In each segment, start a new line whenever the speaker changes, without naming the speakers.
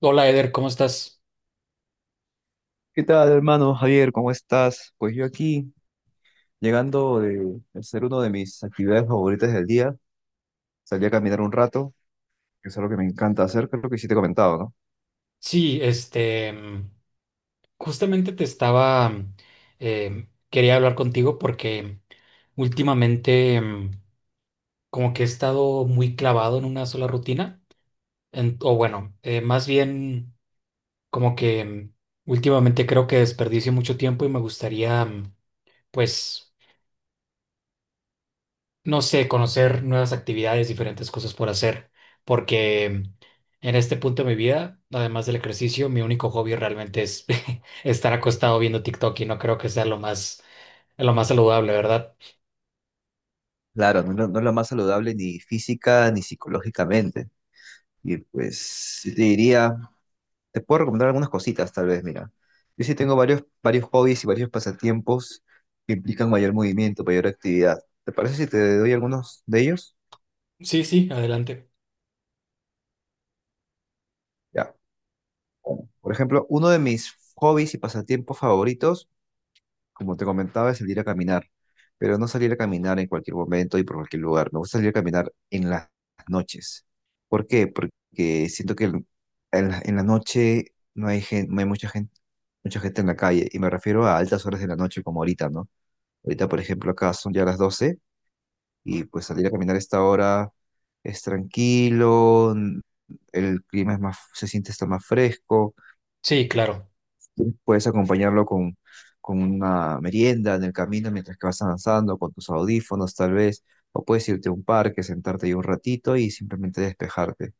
Hola Eder, ¿cómo estás?
¿Qué tal, hermano Javier? ¿Cómo estás? Pues yo aquí, llegando de hacer una de mis actividades favoritas del día, salí a caminar un rato, que es algo que me encanta hacer, que es lo que sí te he comentado, ¿no?
Sí, este, justamente te estaba, quería hablar contigo porque últimamente como que he estado muy clavado en una sola rutina, más bien como que últimamente creo que desperdicio mucho tiempo y me gustaría, pues no sé, conocer nuevas actividades, diferentes cosas por hacer, porque en este punto de mi vida, además del ejercicio, mi único hobby realmente es estar acostado viendo TikTok y no creo que sea lo más saludable, ¿verdad?
Claro, no, es la no es la más saludable ni física ni psicológicamente. Y pues sí te diría, te puedo recomendar algunas cositas, tal vez, mira. Yo sí tengo varios hobbies y varios pasatiempos que implican mayor movimiento, mayor actividad. ¿Te parece si te doy algunos de ellos?
Sí, sí, adelante.
Ya. Por ejemplo, uno de mis hobbies y pasatiempos favoritos como te comentaba, es salir a caminar, pero no salir a caminar en cualquier momento y por cualquier lugar. Me gusta salir a caminar en las noches. ¿Por qué? Porque siento que en la noche no hay mucha gente en la calle. Y me refiero a altas horas de la noche como ahorita, ¿no? Ahorita, por ejemplo, acá son ya las 12 y pues salir a caminar a esta hora es tranquilo, el clima se siente está más fresco.
Sí, claro.
Puedes acompañarlo con una merienda en el camino mientras que vas avanzando, con tus audífonos tal vez, o puedes irte a un parque, sentarte ahí un ratito y simplemente despejarte.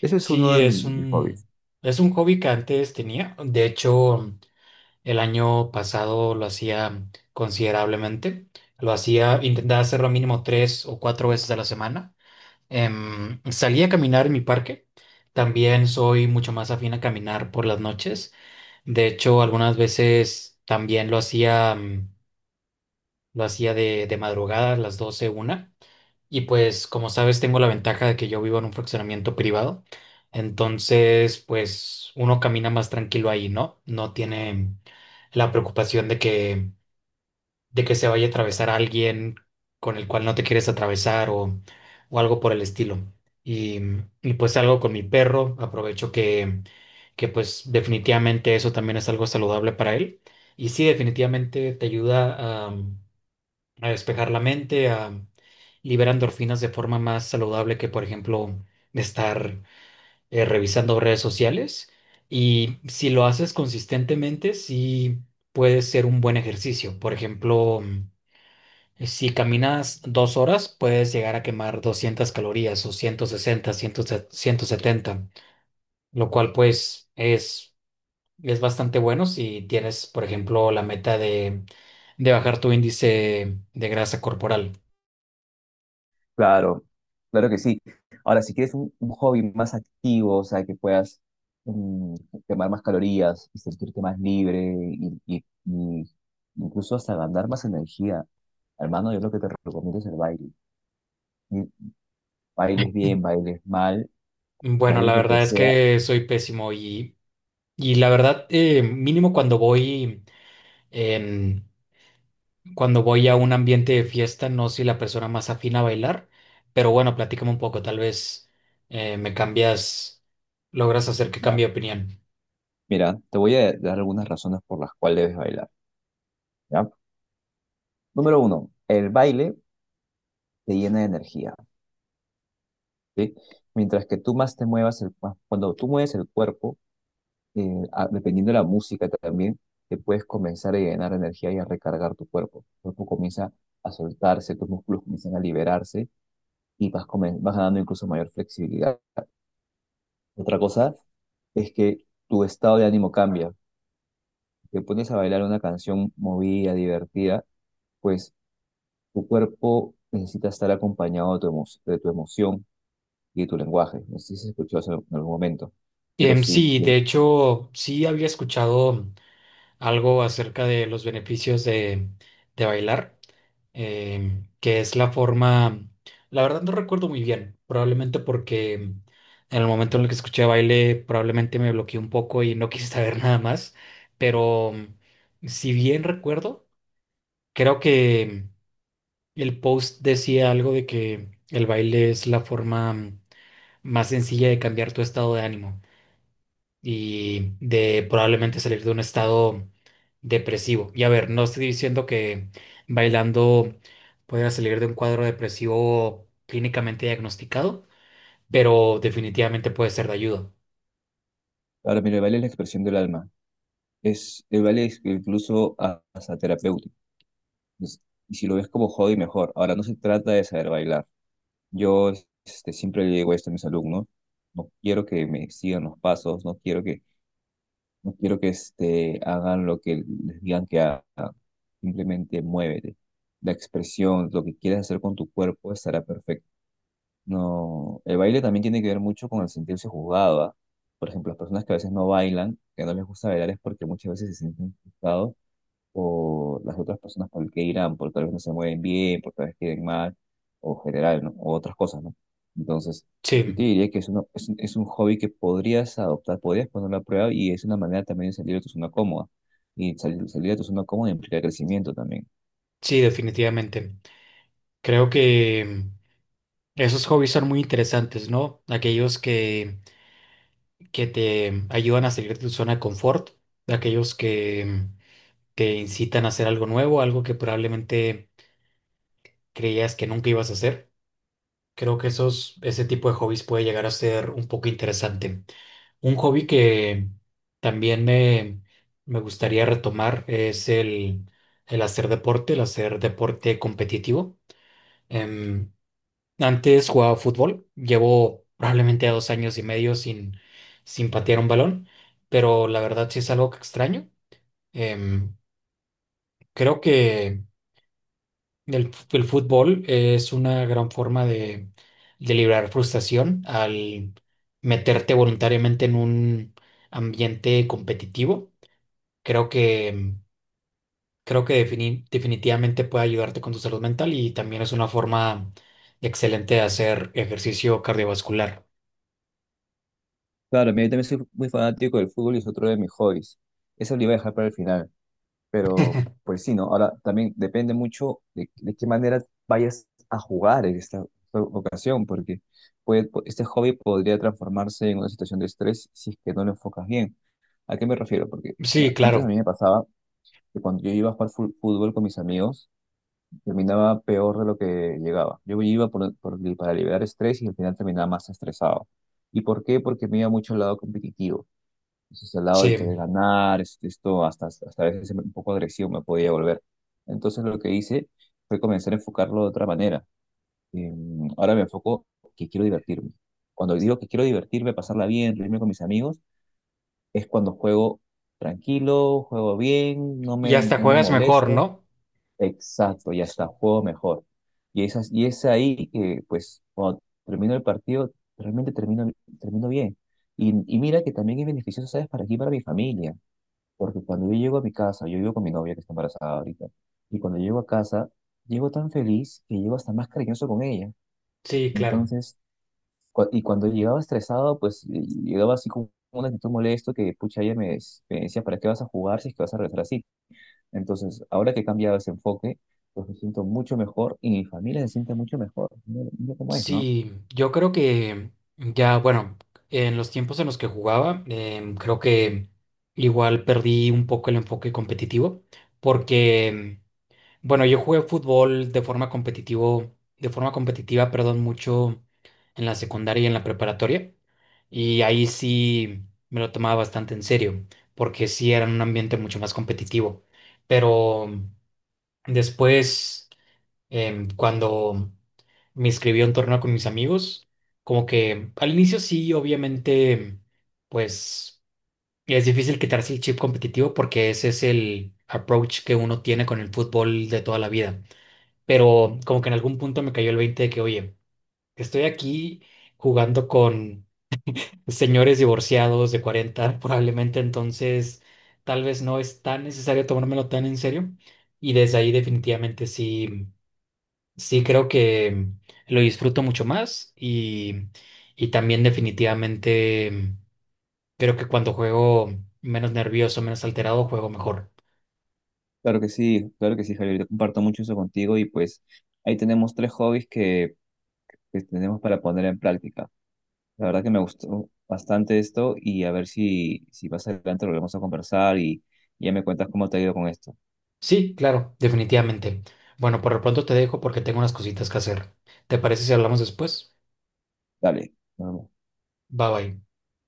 Eso es uno
Sí,
de mis hobbies.
es un hobby que antes tenía. De hecho, el año pasado lo hacía considerablemente. Lo hacía, intentaba hacerlo mínimo tres o cuatro veces a la semana. Salí a caminar en mi parque. También soy mucho más afín a caminar por las noches. De hecho, algunas veces también lo hacía, lo hacía de madrugada, a las 12, una. Y pues, como sabes, tengo la ventaja de que yo vivo en un fraccionamiento privado. Entonces, pues uno camina más tranquilo ahí, ¿no? No tiene la preocupación de que se vaya a atravesar alguien con el cual no te quieres atravesar o algo por el estilo. Y, y pues algo con mi perro, aprovecho que pues definitivamente eso también es algo saludable para él. Y sí, definitivamente te ayuda a despejar la mente, a liberar endorfinas de forma más saludable que, por ejemplo, estar revisando redes sociales. Y si lo haces consistentemente, sí puede ser un buen ejercicio. Por ejemplo, si caminas 2 horas, puedes llegar a quemar 200 calorías o 160, 70, lo cual pues es bastante bueno si tienes, por ejemplo, la meta de bajar tu índice de grasa corporal.
Claro, claro que sí. Ahora, si quieres un hobby más activo, o sea, que puedas mm, quemar más calorías y sentirte más libre y incluso hasta ganar más energía, hermano, yo lo que te recomiendo es el baile. Mm, Bailes bien, bailes mal,
Bueno, la
bailes lo que
verdad es
sea.
que soy pésimo y la verdad, mínimo cuando voy en, cuando voy a un ambiente de fiesta, no soy la persona más afín a bailar, pero bueno, platícame un poco, tal vez me cambias, logras hacer que cambie de opinión.
Mira, te voy a dar algunas razones por las cuales debes bailar, ¿ya? Número uno, el baile te llena de energía, ¿sí? Mientras que tú más te muevas, cuando tú mueves el cuerpo, dependiendo de la música también, te puedes comenzar a llenar de energía y a recargar tu cuerpo. Tu cuerpo comienza a soltarse, tus músculos comienzan a liberarse y vas ganando incluso mayor flexibilidad. Otra cosa es que tu estado de ánimo cambia. Si te pones a bailar una canción movida, divertida, pues tu cuerpo necesita estar acompañado de tu emoción y de tu lenguaje. No sé si se escuchó eso en algún momento, pero sí.
Sí, de hecho, sí había escuchado algo acerca de los beneficios de bailar, que es la forma, la verdad no recuerdo muy bien, probablemente porque en el momento en el que escuché baile, probablemente me bloqueé un poco y no quise saber nada más, pero si bien recuerdo, creo que el post decía algo de que el baile es la forma más sencilla de cambiar tu estado de ánimo y de probablemente salir de un estado depresivo. Y a ver, no estoy diciendo que bailando puedas salir de un cuadro depresivo clínicamente diagnosticado, pero definitivamente puede ser de ayuda.
Ahora, mira, el baile es la expresión del alma. El baile es incluso hasta terapéutico. Es- y si lo ves como hobby, mejor. Ahora, no se trata de saber bailar. Yo siempre le digo esto a mis alumnos. No quiero que me sigan los pasos, no quiero que hagan lo que les digan que hagan. Simplemente muévete. La expresión, lo que quieres hacer con tu cuerpo estará perfecto. No, el baile también tiene que ver mucho con el sentirse juzgado, ¿ah? Por ejemplo, las personas que a veces no bailan, que no les gusta bailar es porque muchas veces se sienten juzgados por las otras personas por el que irán, por tal vez no se mueven bien, por tal vez queden mal, o general, ¿no? O otras cosas, ¿no? Entonces, yo te
Sí,
diría que es un hobby que podrías adoptar, podrías ponerlo a prueba y es una manera también de salir de tu zona cómoda. Y salir de tu zona cómoda implica crecimiento también.
sí, definitivamente. Creo que esos hobbies son muy interesantes, ¿no? Aquellos que te ayudan a salir de tu zona de confort, de aquellos que te incitan a hacer algo nuevo, algo que probablemente creías que nunca ibas a hacer. Creo que esos, ese tipo de hobbies puede llegar a ser un poco interesante. Un hobby que también me gustaría retomar es el hacer deporte competitivo. Em, Antes jugaba fútbol, llevo probablemente 2 años y medio sin, sin patear un balón, pero la verdad sí es algo que extraño. Em, Creo que el, el fútbol es una gran forma de liberar frustración al meterte voluntariamente en un ambiente competitivo. Creo que, creo que definitivamente puede ayudarte con tu salud mental y también es una forma excelente de hacer ejercicio cardiovascular.
Claro, mira, yo también soy muy fanático del fútbol y es otro de mis hobbies. Es el Pero pues sí, ¿no? Ahora también depende mucho de qué manera vayas a jugar en esta ocasión, porque este hobby podría transformarse en una situación de estrés si es que no lo enfocas bien. ¿A qué me refiero? Porque
Sí,
mira, antes a
claro.
mí me pasaba que cuando yo iba a jugar fútbol con mis amigos, terminaba peor de lo que llegaba. Yo iba para liberar estrés y al final terminaba más estresado. ¿Y por qué? Porque me iba mucho al lado competitivo entonces, al lado
Sí,
de querer ganar, este, esto hasta a veces un poco agresivo me podía volver. Entonces, lo que hice fue comenzar a enfocarlo de otra manera. Eh, ahora me enfoco que quiero divertirme. Cuando digo que quiero divertirme, pasarla bien, reírme con mis amigos, es cuando juego tranquilo, juego bien, no
y
me,
hasta
no me
juegas mejor,
molesto.
¿no?
Exacto, y hasta juego mejor. Y es ahí que, pues, cuando termino el partido, realmente termino bien. Y mira que también es beneficioso, ¿sabes? Para aquí, para mi familia. Porque cuando yo llego a mi casa, yo vivo con mi novia que está embarazada ahorita, y cuando llego a casa, llego tan feliz que llego hasta más cariñoso con ella.
Sí, claro.
Entonces, y cuando llegaba estresado, pues llegaba así como una actitud molesto que, pucha, ella me decía, ¿para qué vas a jugar si es que vas a regresar así? Entonces, ahora que he cambiado ese enfoque, pues me siento mucho mejor y mi familia se siente mucho mejor. Mira, mira cómo es, ¿no?
Sí, yo creo que ya, bueno, en los tiempos en los que jugaba, creo que igual perdí un poco el enfoque competitivo, porque, bueno, yo jugué fútbol de forma competitivo, de forma competitiva, perdón, mucho en la secundaria y en la preparatoria, y ahí sí me lo tomaba bastante en serio, porque sí era un ambiente mucho más competitivo, pero después... cuando me inscribí a un torneo con mis amigos, como que al inicio sí, obviamente, pues es difícil quitarse el chip competitivo porque ese es el approach que uno tiene con el fútbol de toda la vida. Pero como que en algún punto me cayó el 20 de que, oye, estoy aquí jugando con señores divorciados de 40 probablemente, entonces tal vez no es tan necesario tomármelo tan en serio. Y desde ahí definitivamente sí. Sí, creo que lo disfruto mucho más y también definitivamente creo que cuando juego menos nervioso, menos alterado, juego mejor.
Claro que sí, Javier, yo comparto mucho eso contigo y pues ahí tenemos tres hobbies que tenemos para poner en práctica. La verdad que me gustó bastante esto y a ver si más adelante volvemos a conversar y ya me cuentas cómo te ha ido con esto.
Sí, claro, definitivamente. Bueno, por lo pronto te dejo porque tengo unas cositas que hacer. ¿Te parece si hablamos después?
Dale. Nos vemos.
Bye bye.